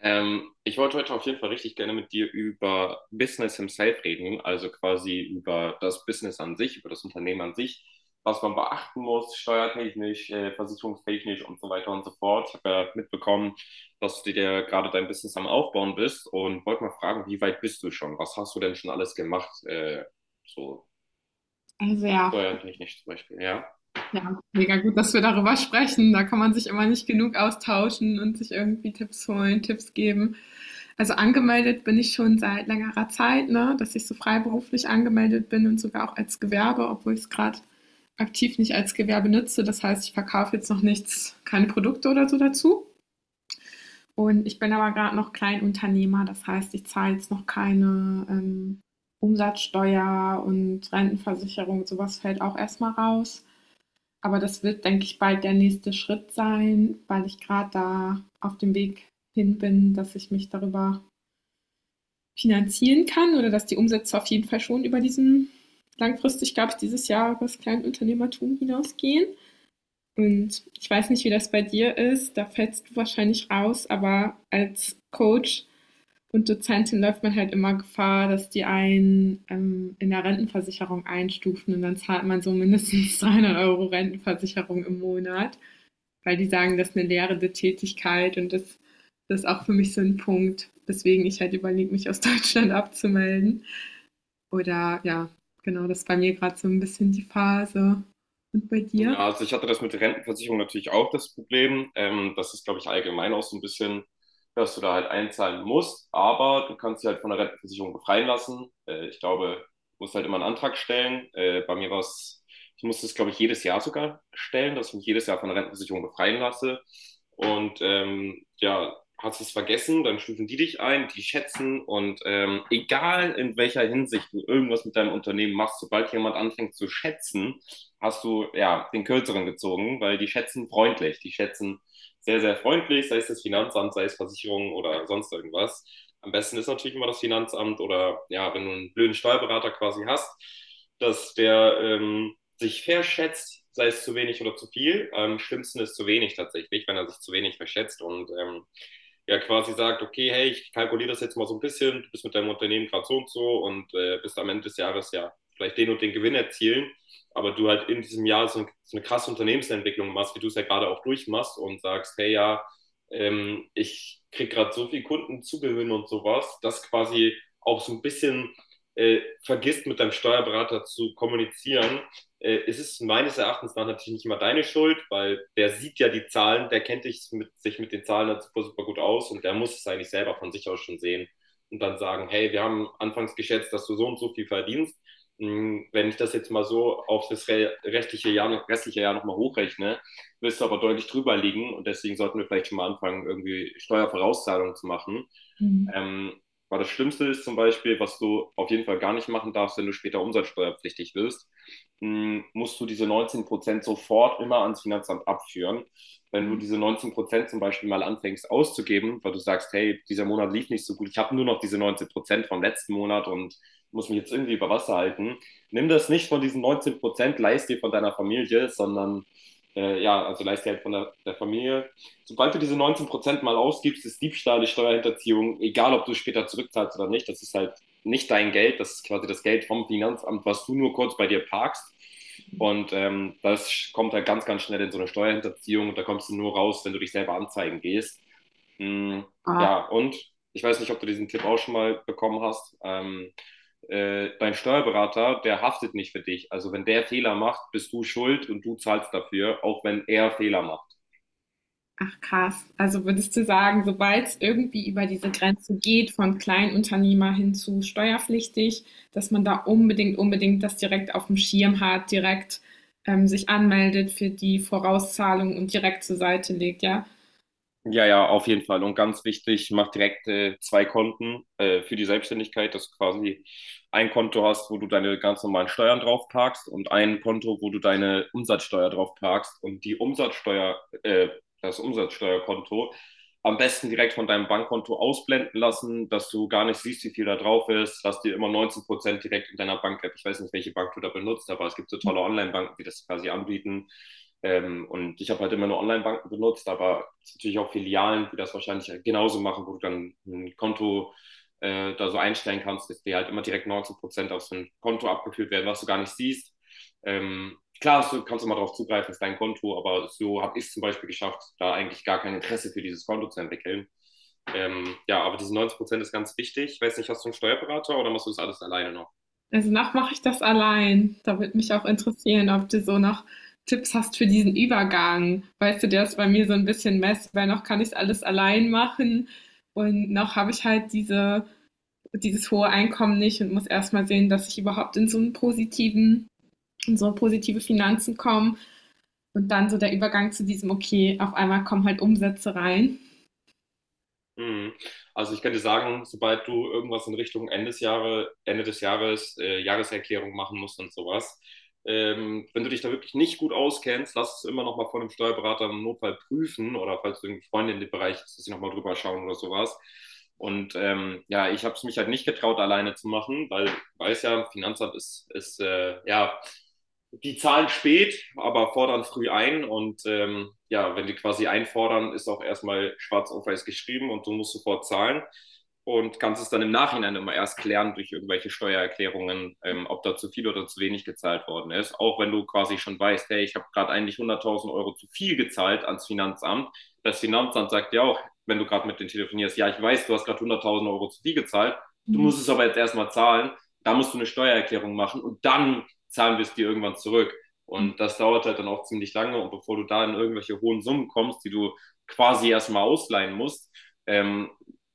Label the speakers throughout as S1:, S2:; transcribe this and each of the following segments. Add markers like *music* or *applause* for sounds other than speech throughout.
S1: Ich wollte heute auf jeden Fall richtig gerne mit dir über Business himself reden, also quasi über das Business an sich, über das Unternehmen an sich, was man beachten muss, steuertechnisch, versicherungstechnisch und so weiter und so fort. Ich habe ja mitbekommen, dass du dir gerade dein Business am Aufbauen bist und wollte mal fragen, wie weit bist du schon? Was hast du denn schon alles gemacht? So
S2: Also ja,
S1: steuertechnisch zum Beispiel, ja?
S2: ja, mega gut, dass wir darüber sprechen. Da kann man sich immer nicht genug austauschen und sich irgendwie Tipps holen, Tipps geben. Also angemeldet bin ich schon seit längerer Zeit, ne, dass ich so freiberuflich angemeldet bin und sogar auch als Gewerbe, obwohl ich es gerade aktiv nicht als Gewerbe nutze. Das heißt, ich verkaufe jetzt noch nichts, keine Produkte oder so dazu. Und ich bin aber gerade noch Kleinunternehmer, das heißt, ich zahle jetzt noch keine, Umsatzsteuer und Rentenversicherung, sowas fällt auch erstmal raus. Aber das wird, denke ich, bald der nächste Schritt sein, weil ich gerade da auf dem Weg hin bin, dass ich mich darüber finanzieren kann oder dass die Umsätze auf jeden Fall schon über diesen langfristig, glaube ich, dieses Jahr über das Kleinunternehmertum hinausgehen. Und ich weiß nicht, wie das bei dir ist, da fällst du wahrscheinlich raus, aber als Coach und Dozentin läuft man halt immer Gefahr, dass die einen in der Rentenversicherung einstufen und dann zahlt man so mindestens *laughs* 300 € Rentenversicherung im Monat, weil die sagen, das ist eine lehrende Tätigkeit das ist auch für mich so ein Punkt, weswegen ich halt überlege, mich aus *laughs* Deutschland abzumelden. Oder ja, genau, das ist bei mir gerade so ein bisschen die Phase. Und bei dir?
S1: Ja, also ich hatte das mit der Rentenversicherung natürlich auch das Problem. Das ist, glaube ich, allgemein auch so ein bisschen, dass du da halt einzahlen musst, aber du kannst dich halt von der Rentenversicherung befreien lassen. Ich glaube, du musst halt immer einen Antrag stellen. Bei mir war es, ich musste es, glaube ich, jedes Jahr sogar stellen, dass ich mich jedes Jahr von der Rentenversicherung befreien lasse. Und ja, hast es vergessen, dann stufen die dich ein, die schätzen, und egal in welcher Hinsicht du irgendwas mit deinem Unternehmen machst, sobald jemand anfängt zu schätzen, hast du ja den kürzeren gezogen, weil die schätzen freundlich. Die schätzen sehr, sehr freundlich, sei es das Finanzamt, sei es Versicherungen oder sonst irgendwas. Am besten ist natürlich immer das Finanzamt oder ja, wenn du einen blöden Steuerberater quasi hast, dass der sich verschätzt, sei es zu wenig oder zu viel. Am schlimmsten ist zu wenig tatsächlich, wenn er sich zu wenig verschätzt, und ja, quasi sagt, okay, hey, ich kalkuliere das jetzt mal so ein bisschen, du bist mit deinem Unternehmen gerade so und so, und bist am Ende des Jahres ja vielleicht den und den Gewinn erzielen, aber du halt in diesem Jahr so eine krasse Unternehmensentwicklung machst, wie du es ja gerade auch durchmachst, und sagst, hey, ja, ich kriege gerade so viel Kunden zugewinn und sowas, dass quasi auch so ein bisschen vergisst, mit deinem Steuerberater zu kommunizieren, ist es ist meines Erachtens nach natürlich nicht immer deine Schuld, weil der sieht ja die Zahlen, der kennt dich sich mit den Zahlen halt super, super gut aus und der muss es eigentlich selber von sich aus schon sehen und dann sagen, hey, wir haben anfangs geschätzt, dass du so und so viel verdienst. Wenn ich das jetzt mal so auf das restliche Jahr nochmal hochrechne, wirst du aber deutlich drüber liegen, und deswegen sollten wir vielleicht schon mal anfangen, irgendwie Steuervorauszahlungen zu machen. Ähm, Weil das Schlimmste ist zum Beispiel, was du auf jeden Fall gar nicht machen darfst, wenn du später umsatzsteuerpflichtig wirst, musst du diese 19% sofort immer ans Finanzamt abführen. Wenn du diese 19% zum Beispiel mal anfängst auszugeben, weil du sagst, hey, dieser Monat lief nicht so gut, ich habe nur noch diese 19% vom letzten Monat und muss mich jetzt irgendwie über Wasser halten. Nimm das nicht von diesen 19%, leist dir von deiner Familie, sondern ja, also leist dir halt von der Familie. Sobald du diese 19% mal ausgibst, ist Diebstahl, ist Steuerhinterziehung, egal ob du später zurückzahlst oder nicht, das ist halt nicht dein Geld, das ist quasi das Geld vom Finanzamt, was du nur kurz bei dir parkst. Und das kommt halt ganz, ganz schnell in so eine Steuerhinterziehung, und da kommst du nur raus, wenn du dich selber anzeigen gehst. Mm,
S2: Ah.
S1: ja, und ich weiß nicht, ob du diesen Tipp auch schon mal bekommen hast. Dein Steuerberater, der haftet nicht für dich. Also wenn der Fehler macht, bist du schuld, und du zahlst dafür, auch wenn er Fehler macht.
S2: Ach krass. Also würdest du sagen, sobald es irgendwie über diese Grenze geht, von Kleinunternehmer hin zu steuerpflichtig, dass man da unbedingt das direkt auf dem Schirm hat, direkt sich anmeldet für die Vorauszahlung und direkt zur Seite legt, ja?
S1: Ja, ja, auf jeden Fall. Und ganz wichtig, mach direkt zwei Konten für die Selbstständigkeit, dass du quasi ein Konto hast, wo du deine ganz normalen Steuern drauf parkst, und ein Konto, wo du deine Umsatzsteuer drauf parkst, und die Umsatzsteuer, das Umsatzsteuerkonto am besten direkt von deinem Bankkonto ausblenden lassen, dass du gar nicht siehst, wie viel da drauf ist. Lass dir immer 19% direkt in deiner Bank-App. Ich weiß nicht, welche Bank du da benutzt, aber es gibt so tolle Online-Banken, die das quasi anbieten. Und ich habe halt immer nur Online-Banken benutzt, aber es gibt natürlich auch Filialen, die das wahrscheinlich halt genauso machen, wo du dann ein Konto da so einstellen kannst, dass dir halt immer direkt 19% auf so ein Konto abgeführt werden, was du gar nicht siehst. Klar, du kannst immer darauf zugreifen, das ist dein Konto, aber so habe ich es zum Beispiel geschafft, da eigentlich gar kein Interesse für dieses Konto zu entwickeln. Ja, aber diese 90% ist ganz wichtig. Ich weiß nicht, hast du einen Steuerberater oder machst du das alles alleine noch?
S2: Also noch mache ich das allein. Da würde mich auch interessieren, ob du so noch Tipps hast für diesen Übergang. Weißt du, der ist bei mir so ein bisschen Mess, weil noch kann ich alles allein machen und noch habe ich halt dieses hohe Einkommen nicht und muss erstmal sehen, dass ich überhaupt in so einen positiven, in so positive Finanzen komme und dann so der Übergang zu diesem, okay, auf einmal kommen halt Umsätze rein.
S1: Mhm. Also ich könnte sagen, sobald du irgendwas in Richtung Ende des Jahres, Jahreserklärung machen musst und sowas, wenn du dich da wirklich nicht gut auskennst, lass es immer noch mal von einem Steuerberater im Notfall prüfen, oder falls du irgendwie Freunde in dem Bereich ist, dass sie noch mal drüber schauen oder sowas. Und ja, ich habe es mich halt nicht getraut, alleine zu machen, weil ich weiß ja, Finanzamt ist ja, die zahlen spät, aber fordern früh ein. Und ja, wenn die quasi einfordern, ist auch erstmal schwarz auf weiß geschrieben und du musst sofort zahlen und kannst es dann im Nachhinein immer erst klären durch irgendwelche Steuererklärungen, ob da zu viel oder zu wenig gezahlt worden ist. Auch wenn du quasi schon weißt, hey, ich habe gerade eigentlich 100.000 Euro zu viel gezahlt ans Finanzamt. Das Finanzamt sagt ja auch, wenn du gerade mit denen telefonierst, ja, ich weiß, du hast gerade 100.000 Euro zu viel gezahlt, du musst es aber jetzt erstmal zahlen. Da musst du eine Steuererklärung machen und dann zahlen wir es dir irgendwann zurück. Und das dauert halt dann auch ziemlich lange. Und bevor du da in irgendwelche hohen Summen kommst, die du quasi erstmal ausleihen musst, ähm,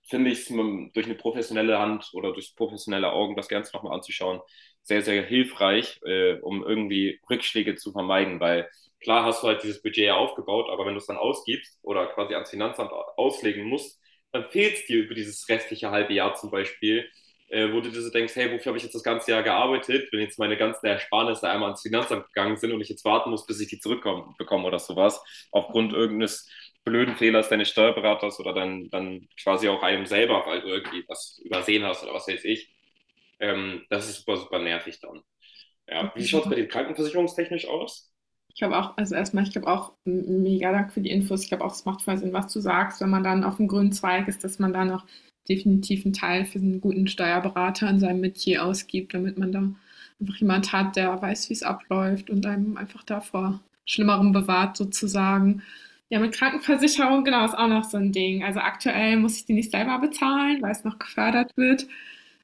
S1: finde ich es durch eine professionelle Hand oder durch professionelle Augen das Ganze nochmal anzuschauen, sehr, sehr hilfreich, um irgendwie Rückschläge zu vermeiden. Weil klar hast du halt dieses Budget ja aufgebaut, aber wenn du es dann ausgibst oder quasi ans Finanzamt auslegen musst, dann fehlt es dir über dieses restliche halbe Jahr zum Beispiel, wo du dir so denkst, hey, wofür habe ich jetzt das ganze Jahr gearbeitet, wenn jetzt meine ganzen Ersparnisse einmal ans Finanzamt gegangen sind und ich jetzt warten muss, bis ich die zurückbekomme oder sowas, aufgrund irgendeines blöden Fehlers deines Steuerberaters, oder dann quasi auch einem selber, weil du irgendwie was übersehen hast oder was weiß ich. Das ist super, super nervig dann. Ja. Wie schaut es bei dir krankenversicherungstechnisch aus?
S2: Ich glaube auch, also erstmal, ich glaube auch, m- Mega Dank für die Infos. Ich glaube auch, es macht voll Sinn, was du sagst, wenn man dann auf dem grünen Zweig ist, dass man da noch definitiv einen Teil für einen guten Steuerberater in seinem Metier ausgibt, damit man da einfach jemand hat, der weiß, wie es abläuft und einem einfach davor Schlimmerem bewahrt sozusagen. Ja, mit Krankenversicherung, genau, ist auch noch so ein Ding. Also aktuell muss ich die nicht selber bezahlen, weil es noch gefördert wird.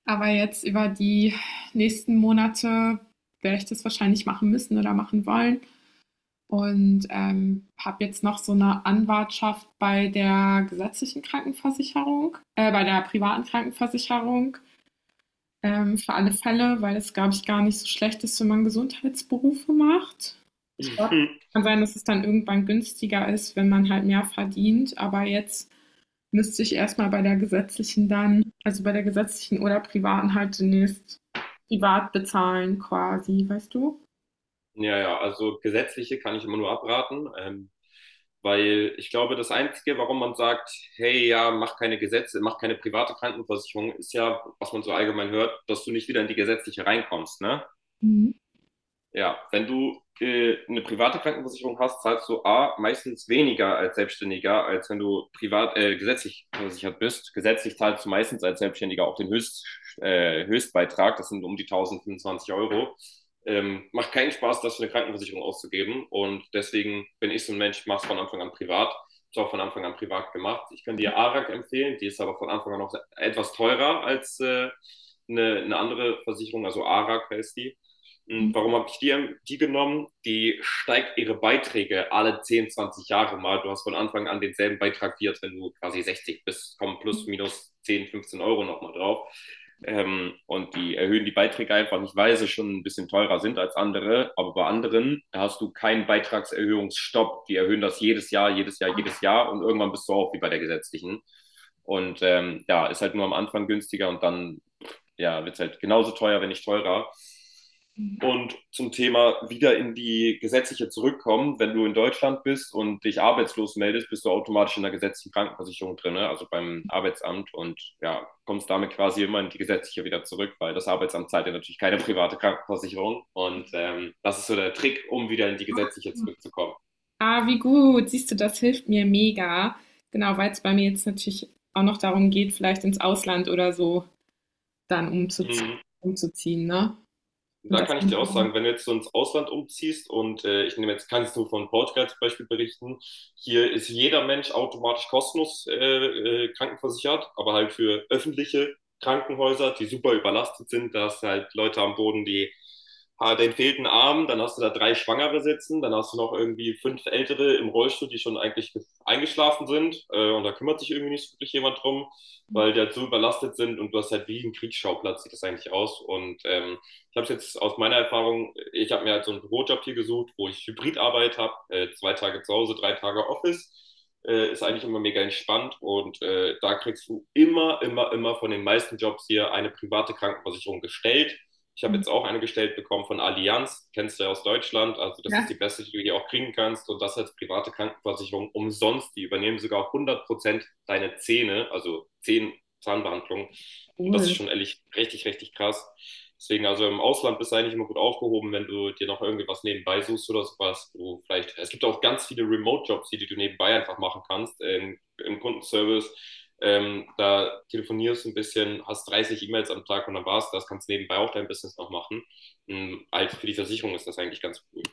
S2: Aber jetzt über die nächsten Monate werde ich das wahrscheinlich machen müssen oder machen wollen. Und, habe jetzt noch so eine Anwartschaft bei der gesetzlichen Krankenversicherung bei der privaten Krankenversicherung, für alle Fälle, weil es, glaube ich, gar nicht so schlecht ist, wenn man Gesundheitsberufe macht. Ich glaube,
S1: *laughs*
S2: kann sein, dass es dann irgendwann günstiger ist, wenn man halt mehr verdient, aber jetzt müsste ich erst mal bei der gesetzlichen dann also, bei der gesetzlichen oder privaten halt zunächst privat bezahlen quasi, weißt du?
S1: Ja, ja, also gesetzliche kann ich immer nur abraten. Weil ich glaube, das Einzige, warum man sagt, hey, ja, mach keine Gesetze, mach keine private Krankenversicherung, ist ja, was man so allgemein hört, dass du nicht wieder in die gesetzliche reinkommst, ne?
S2: Mhm.
S1: Ja, wenn du eine private Krankenversicherung hast, zahlst du A, meistens weniger als Selbstständiger, als wenn du privat, gesetzlich versichert bist. Gesetzlich zahlst du meistens als Selbstständiger auch den Höchstbeitrag, das sind um die 1.025 Euro. Macht keinen Spaß, das für eine Krankenversicherung auszugeben, und deswegen bin ich so ein Mensch, mach's von Anfang an privat. Ist auch von Anfang an privat gemacht. Ich kann dir ARAG empfehlen, die ist aber von Anfang an noch etwas teurer als eine andere Versicherung, also ARAG heißt die. Hm, warum habe ich die, die genommen? Die steigt ihre Beiträge alle 10, 20 Jahre mal. Du hast von Anfang an denselben Beitrag wie jetzt, wenn du quasi 60 bist, kommen plus, minus 10, 15 Euro nochmal drauf. Und die erhöhen die Beiträge einfach nicht, weil sie schon ein bisschen teurer sind als andere. Aber bei anderen hast du keinen Beitragserhöhungsstopp. Die erhöhen das jedes Jahr, jedes Jahr, jedes Jahr, und irgendwann bist du auch wie bei der gesetzlichen. Und ja, ist halt nur am Anfang günstiger und dann ja, wird es halt genauso teuer, wenn nicht teurer. Und zum Thema wieder in die gesetzliche zurückkommen, wenn du in Deutschland bist und dich arbeitslos meldest, bist du automatisch in der gesetzlichen Krankenversicherung drin, ne? Also beim Arbeitsamt, und ja, kommst damit quasi immer in die gesetzliche wieder zurück, weil das Arbeitsamt zahlt ja natürlich keine private Krankenversicherung. Und das ist so der Trick, um wieder in die gesetzliche zurückzukommen.
S2: Ah, wie gut. Siehst du, das hilft mir mega. Genau, weil es bei mir jetzt natürlich auch noch darum geht, vielleicht ins Ausland oder so dann umzuziehen,
S1: Mhm.
S2: umzuziehen, ne? Und
S1: Da
S2: das.
S1: kann ich dir auch sagen, wenn du jetzt so ins Ausland umziehst und ich nehme jetzt, kann jetzt nur von Portugal zum Beispiel berichten, hier ist jeder Mensch automatisch kostenlos krankenversichert, aber halt für öffentliche Krankenhäuser, die super überlastet sind. Da hast du halt Leute am Boden, die den fehlten Arm, dann hast du da drei Schwangere sitzen, dann hast du noch irgendwie fünf Ältere im Rollstuhl, die schon eigentlich ge- eingeschlafen sind, und da kümmert sich irgendwie nicht wirklich jemand drum, weil die halt so überlastet sind, und du hast halt wie ein Kriegsschauplatz, sieht das eigentlich aus. Und ich habe es jetzt aus meiner Erfahrung, ich habe mir halt so einen Bürojob hier gesucht, wo ich Hybridarbeit habe, 2 Tage zu Hause, 3 Tage Office. Ist eigentlich immer mega entspannt, und da kriegst du immer, immer, immer von den meisten Jobs hier eine private Krankenversicherung gestellt. Ich habe jetzt auch eine gestellt bekommen von Allianz, kennst du ja aus Deutschland, also das ist die
S2: Ja,
S1: beste, die du hier auch kriegen kannst, und das als private Krankenversicherung umsonst. Die übernehmen sogar 100% deine Zähne, also zehn Zahnbehandlungen, und das ist
S2: cool.
S1: schon ehrlich richtig, richtig krass. Deswegen, also im Ausland bist du eigentlich immer gut aufgehoben, wenn du dir noch irgendwie was nebenbei suchst oder sowas. Wo vielleicht, es gibt auch ganz viele Remote-Jobs, die du nebenbei einfach machen kannst. Im Kundenservice, da telefonierst du ein bisschen, hast 30 E-Mails am Tag, und dann war's das. Kannst nebenbei auch dein Business noch machen. Also für die Versicherung ist das eigentlich ganz cool.